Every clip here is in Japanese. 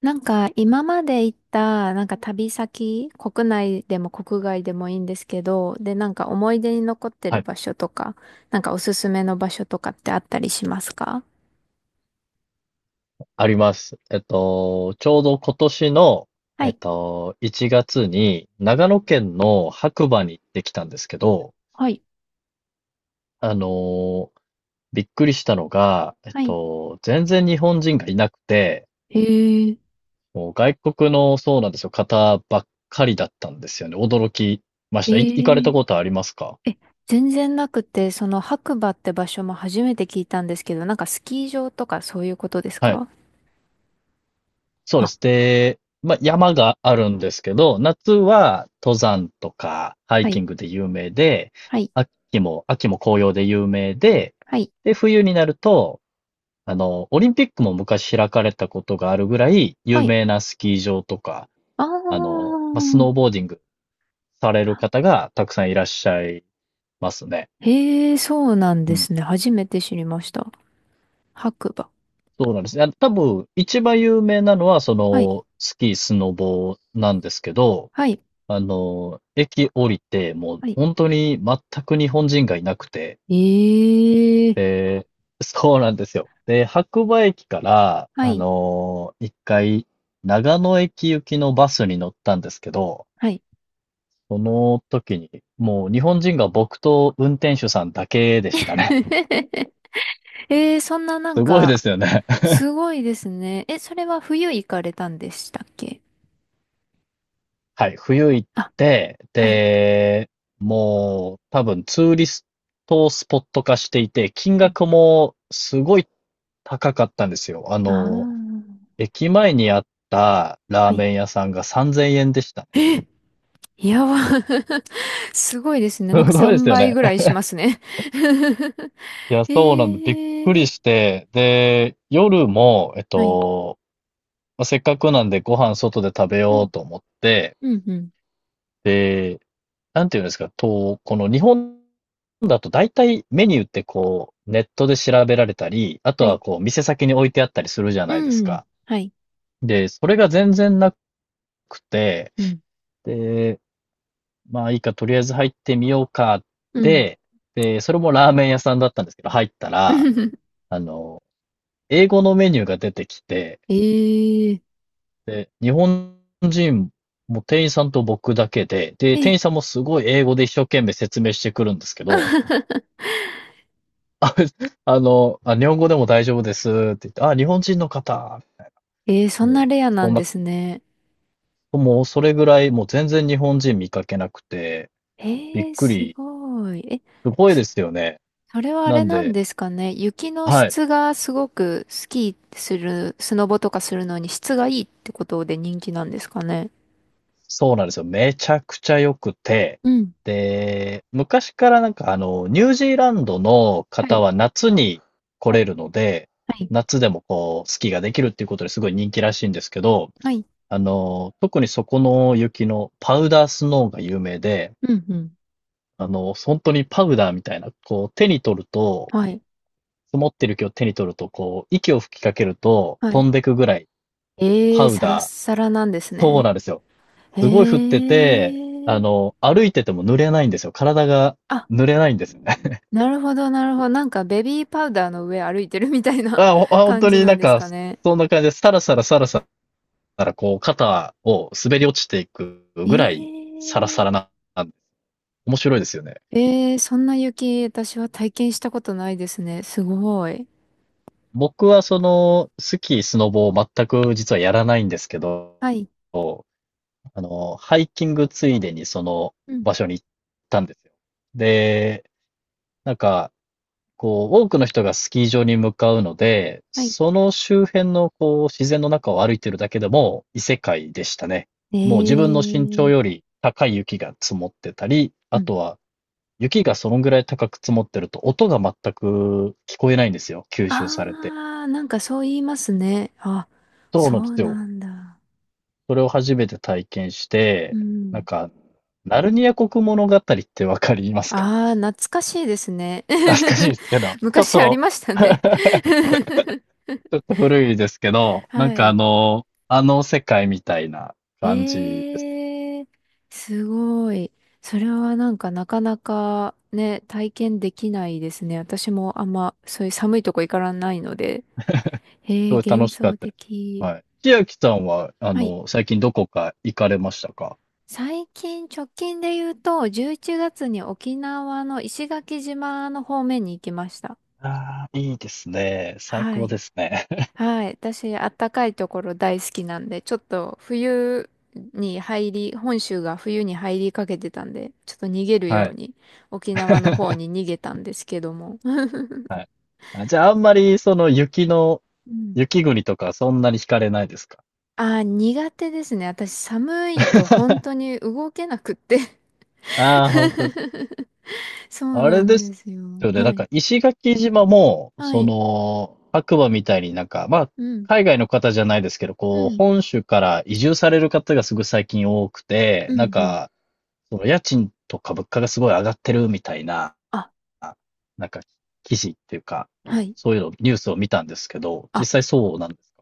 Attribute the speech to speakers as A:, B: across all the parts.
A: なんか今まで行ったなんか旅先、国内でも国外でもいいんですけど、でなんか思い出に残って
B: は
A: る
B: い、
A: 場所とか、なんかおすすめの場所とかってあったりしますか？
B: あります。ちょうど今年の、
A: はい。
B: 1月に
A: うん
B: 長野県の白馬に行ってきたんですけど、
A: はい。
B: あのーびっくりしたのが、
A: はい。
B: 全然日本人がいなくて、
A: へえ、
B: もう外国の、そうなんですよ、方ばっかりだったんですよね。驚きまし
A: へ
B: た。行かれた
A: え。
B: ことありますか？
A: え、全然なくて、その白馬って場所も初めて聞いたんですけど、なんかスキー場とかそういうことです
B: はい。
A: か？
B: そうで
A: あ、
B: す。で、まあ、山があるんですけど、夏は登山とかハ
A: は
B: イキ
A: い、
B: ングで有名で、
A: はい、
B: 秋も紅葉で有名で、
A: はい、
B: で、冬になると、オリンピックも昔開かれたことがあるぐらい
A: は
B: 有
A: い。
B: 名なスキー場とか、
A: あ
B: まあ、スノーボー
A: ー
B: ディングされる
A: あ。
B: 方がたくさんいらっしゃいますね。
A: へえ、そうなん
B: う
A: で
B: ん。
A: すね。初めて知りました。白馬。
B: そうなんですね。多分、一番有名なのは、
A: はい。
B: スキー、スノボなんですけど、
A: はい。
B: 駅降りて、もう
A: はい。
B: 本当に全く日本人がいなくて、
A: ええ
B: で、そうなんですよ。で、白馬駅から、
A: はい。
B: 一回、長野駅行きのバスに乗ったんですけど、
A: はい。
B: その時に、もう日本人が僕と運転手さんだけでしたね。
A: ええそんなな ん
B: すごいで
A: か、
B: すよね。
A: すごいですね。え、それは冬行かれたんでしたっけ？
B: はい、冬行っ
A: あ、
B: て、
A: はい。
B: で、もう多分ツーリストスポット化していて、金
A: うん
B: 額もすごい高かったんですよ。
A: あ
B: 駅前にあった
A: あ、
B: ラー
A: はい。
B: メン屋さんが3000円でしたね。
A: え、やば。すごいです ね。な
B: す
A: んか
B: ごいで
A: 3
B: すよ
A: 倍
B: ね。
A: ぐらい しますね。
B: いや、そうなんで、びっく
A: え
B: り
A: え
B: して、で、夜も、
A: はい。
B: まあ、せっかくなんでご飯外で食べ
A: う
B: よ
A: ん、
B: うと思って、
A: うん、うん。
B: で、なんていうんですか、この日本だと大体メニューってこう、ネットで調べられたり、あと
A: は
B: は
A: い。
B: こう、店先に置いてあったりするじゃ
A: う
B: ないです
A: ん、
B: か。
A: はい。
B: で、それが全然なくて、
A: うん、
B: で、まあいいか、とりあえず入ってみようかっ
A: うん。
B: て、で、それもラーメン屋さんだったんですけど、入ったら、あの、英語のメニューが出てきて、
A: ええ
B: で、日本人も店員さんと僕だけで、で、店
A: え、
B: 員さんもすごい英語で一生懸命説明してくるんですけど、あ、日本語でも大丈夫ですって言って、日本人の方、
A: えー、そ
B: も
A: んな
B: う、
A: レアな
B: そん
A: ん
B: な、
A: ですね。
B: もうそれぐらい、もう全然日本人見かけなくて、
A: え
B: びっ
A: ー、
B: く
A: す
B: り、
A: ごい。え、
B: すごい
A: そ
B: ですよね。
A: それはあ
B: な
A: れ
B: ん
A: なん
B: で、
A: ですかね。雪の
B: はい。
A: 質がすごくスキーする、スノボとかするのに質がいいってことで人気なんですかね？
B: そうなんですよ。めちゃくちゃ良くて、
A: うん。
B: で、昔からなんかニュージーランドの
A: は
B: 方
A: い。
B: は夏に来
A: は
B: れ
A: い。
B: るので、
A: はい。
B: 夏でもこう、スキーができるっていうことですごい人気らしいんですけど、
A: はい。
B: 特にそこの雪のパウダースノーが有名で、
A: うん。うん。
B: 本当にパウダーみたいな、こう、手に取ると、
A: はい。
B: 積もってる雪を手に取ると、こう、息を吹きかけると
A: は
B: 飛
A: い。
B: んでくぐらい
A: え
B: パ
A: ー、
B: ウ
A: サラッ
B: ダー、
A: サラなんです
B: そう
A: ね。
B: なんですよ。
A: え
B: すごい降ってて、
A: ー。
B: 歩いてても濡れないんですよ。体が
A: あ、
B: 濡れないんですよね。
A: なるほど、なるほど。なんかベビーパウダーの上歩いてるみたい な
B: 本
A: 感
B: 当
A: じ
B: に
A: な
B: な
A: ん
B: ん
A: です
B: か、
A: かね？
B: そんな感じで、さらさらさらさら、こう、肩を滑り落ちていく
A: ええ
B: ぐらい、サラサラな、面白いですよね。
A: えー、そんな雪、私は体験したことないですね。すごい。
B: 僕はスキー、スノボを全く実はやらないんですけど、
A: はい。
B: ハイキングついでにその
A: うん。
B: 場所に行ったんですよ。で、なんか、こう、多くの人がスキー場に向かうので、
A: はい。
B: その周辺のこう、自然の中を歩いてるだけでも異世界でしたね。
A: え
B: もう自分の身長
A: ー、
B: より高い雪が積もってたり、
A: う
B: あ
A: ん。
B: とは雪がそのぐらい高く積もってると音が全く聞こえないんですよ。吸収されて。
A: あー、なんかそう言いますね。あ、
B: そう
A: そ
B: なんで
A: う
B: すよ。
A: なんだ。
B: それを初めて体験し
A: う
B: て、なん
A: ん。
B: か、ナルニア国物語ってわかりますか？
A: あー、懐かしいですね。
B: 懐かしいで すけど、ちょっ
A: 昔あり
B: と
A: ましたね。
B: ちょっと古いですけど、なん
A: は
B: か
A: い。
B: あの世界みたいな感じです。
A: えー、すごい。それはなんかなかなかね、体験できないですね。私もあんまそういう寒いとこ行からないので。
B: す
A: へえ、
B: ごい楽
A: 幻
B: しかっ
A: 想
B: たです。
A: 的。
B: はい。千秋さんは、
A: はい。
B: 最近どこか行かれましたか？
A: 最近、直近で言うと、11月に沖縄の石垣島の方面に行きました。
B: ああー、いいですね。最
A: は
B: 高
A: い。
B: ですね。
A: はい。私、あったかいところ大好きなんで、ちょっと冬に入り、本州が冬に入りかけてたんで、ちょっと逃げるよ
B: は
A: う
B: い。
A: に沖縄の方 に逃げたんですけども。
B: はい。じゃあ、あんまり、
A: うん。
B: 雪国とか、そんなに惹かれないですか？
A: あー、苦手ですね。私、寒いと本当 に動けなくって
B: ああ本当です。
A: そう
B: あ
A: な
B: れ
A: ん
B: で
A: で
B: す
A: すよ。
B: よね。な
A: は
B: ん
A: い。
B: か、石垣島も、
A: はい。
B: 白馬みたいになんか、まあ、
A: うん。
B: 海外の方じゃないですけど、
A: う
B: こう、
A: ん。
B: 本州から移住される方がすごい最近多くて、
A: うん。
B: なん
A: うん。
B: か、その家賃とか物価がすごい上がってるみたいな、
A: あ、
B: なんか、記事っていうか、
A: はい。
B: そういうの、ニュースを見たんですけど、
A: あ、
B: 実際そうなんです。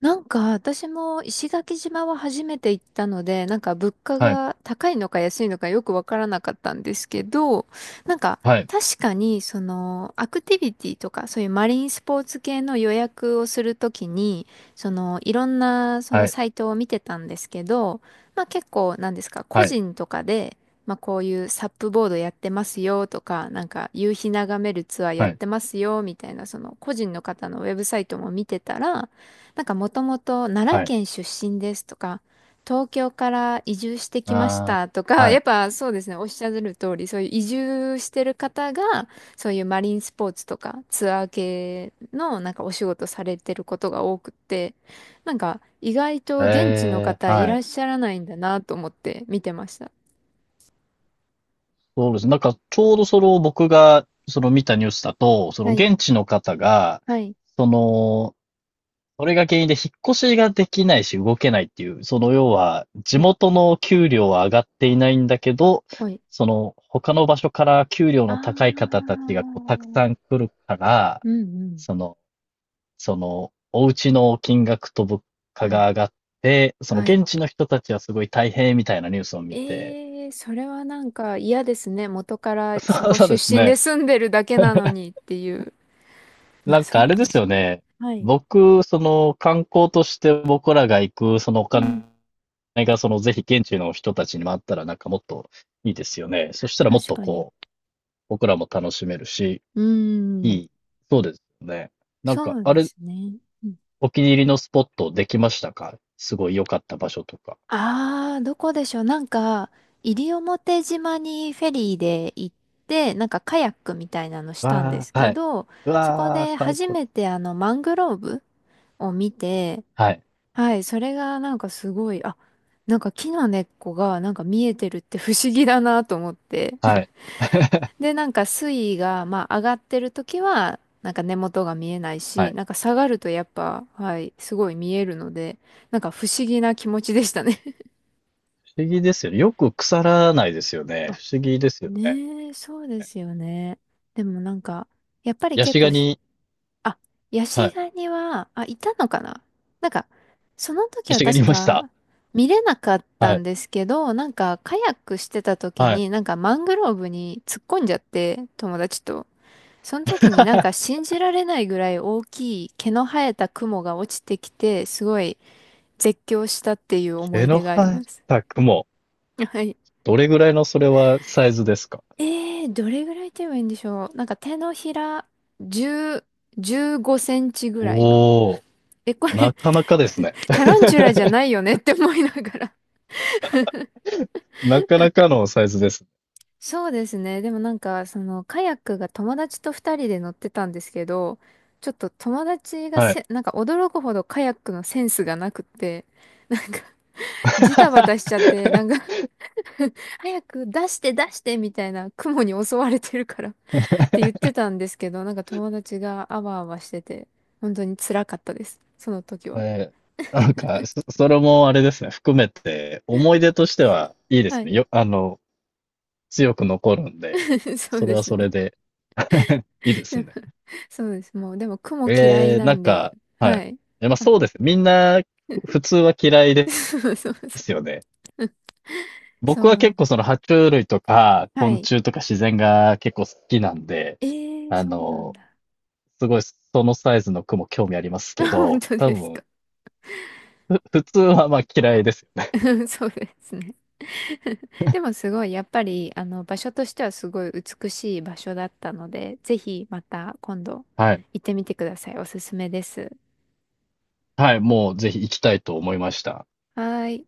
A: なんか私も石垣島は初めて行ったので、なんか物価
B: はい、
A: が高いのか安いのかよくわからなかったんですけど、なんか
B: はい、
A: 確かにそのアクティビティとかそういうマリンスポーツ系の予約をするときに、そのいろんなその
B: はい、
A: サイトを見てたんですけど、まあ結構なんですか、個
B: はい、
A: 人とかで、まあこういうサップボードやってますよとか、なんか夕日眺めるツアーやっ
B: はい、
A: てますよみたいなその個人の方のウェブサイトも見てたら、なんかもともと奈良
B: はい。
A: 県出身ですとか、東京から移住してきまし
B: あ
A: たと
B: ー、
A: か、
B: は
A: やっ
B: い、
A: ぱそうですね、おっしゃる通り、そういう移住してる方が、そういうマリンスポーツとかツアー系のなんかお仕事されてることが多くって、なんか意外と現地の方い
B: は
A: ら
B: い。
A: っしゃらないんだなと思って見てました。
B: そうですね。なんか、ちょうど僕が、その見たニュースだと、その
A: はい、
B: 現地の方が、
A: はい、
B: その、それが原因で引っ越しができないし動けないっていう、要は、地
A: うん、
B: 元の給料は上がっていないんだけど、
A: はい。
B: 他の場所から給料
A: あ
B: の高い方たちがこうたく
A: ー、
B: さん来るから、
A: うん、うん、
B: その、お家の金額と物価
A: はい、
B: が上がって、その
A: はい。
B: 現地の人たちはすごい大変みたいなニュースを見て、
A: ええそれはなんか嫌ですね。元か らそ
B: そう
A: こ
B: そう
A: 出
B: です
A: 身で
B: ね。
A: 住んでるだけなのにっていう。ま
B: な
A: あ
B: ん
A: そ
B: かあ
A: う
B: れで
A: で
B: す
A: すよ。
B: よね。
A: はい。
B: 僕、その観光として僕らが行く、そのお
A: うん。
B: 金が、ぜひ現地の人たちにもあったらなんかもっといいですよね。そしたらもっ
A: 確
B: と
A: かに。
B: こう、僕らも楽しめるし、
A: うー
B: い
A: ん。
B: い。そうですよね。なんか、
A: そう
B: あ
A: で
B: れ、
A: すね。
B: お気に入りのスポットできましたか？すごい良かった場所とか。
A: ああー、どこでしょう。なんか、西表島にフェリーで行って、なんかカヤックみたいなのしたんで
B: わ
A: す
B: あ、
A: け
B: はい。
A: ど、
B: う
A: そこ
B: わあ、
A: で
B: 最
A: 初
B: 高。
A: めてあのマングローブを見て、
B: はい、
A: はい、それがなんかすごい、あ、なんか木の根っこがなんか見えてるって不思議だなと思って。
B: はい。
A: で、なんか水位が、まあ上がってる時は、なんか根元が見えない
B: は
A: し、
B: い。
A: なんか下がるとやっぱ、はい、すごい見えるので、なんか不思議な気持ちでしたね。
B: 不思議ですよね。よく腐らないですよ ね。
A: あ
B: 不思議ですよね。
A: ねえ、そうですよね。でもなんか、やっぱり
B: ヤ
A: 結
B: シ
A: 構
B: ガニ、
A: あ、ヤ
B: は
A: シ
B: い。
A: ガニは、あ、いたのかな？なんか、その時
B: ヤ
A: は
B: シガニ
A: 確
B: いました？
A: か見れなかった
B: は
A: ん
B: い。
A: ですけど、なんかカヤックしてた時
B: はい。
A: になんかマングローブに突っ込んじゃって、友達と。その時になんか 信じられないぐらい大きい毛の生えた雲が落ちてきて、すごい絶叫したっていう思
B: 毛
A: い
B: の
A: 出があり
B: 生
A: ま
B: え
A: す。
B: た雲。
A: はい。
B: どれぐらいのそれはサイズですか？
A: えー、どれぐらいと言えばいいんでしょう。なんか手のひら10、15センチぐらいの。
B: おー、
A: え、これ
B: なかなかですね。
A: タランチュラじゃ ないよねって思いながら。
B: なかなかのサイズです。
A: そうですね。でもなんか、その、カヤックが友達と二人で乗ってたんですけど、ちょっと友達が
B: はい。
A: なんか驚くほどカヤックのセンスがなくって、なんか、ジタバタしちゃって、なんか 早く出して出してみたいな、雲に襲われてるから って言ってたんですけど、なんか友達があわあわしてて、本当に辛かったです。その時は。
B: えーなんか、それもあれですね、含めて、思い出としてはいいです
A: は
B: ね。
A: い。
B: よ、あの、強く残るんで、
A: そう
B: それ
A: で
B: は
A: す
B: それ
A: ね。
B: で いいですね。
A: そうです。もう、でも雲嫌いな
B: なん
A: んで、
B: か、は
A: は
B: い。
A: い。
B: まあ
A: あ
B: そうですね。みんな、普通は嫌い で
A: そうそうそう。
B: すよね。
A: そ
B: 僕は結
A: う。
B: 構爬虫類とか
A: は
B: 昆
A: い。
B: 虫とか自然が結構好きなんで、
A: えー、
B: あ
A: そうなん
B: の、
A: だ。
B: すごいそのサイズの雲興味ありますけ
A: 本
B: ど、
A: 当
B: 多
A: です
B: 分、
A: か？
B: 普通はまあ嫌いですよね。
A: そうですね。でもすごい、やっぱり、場所としてはすごい美しい場所だったので、ぜひまた今度
B: はい。
A: 行ってみてください。おすすめです。
B: はい、もうぜひ行きたいと思いました。
A: はーい。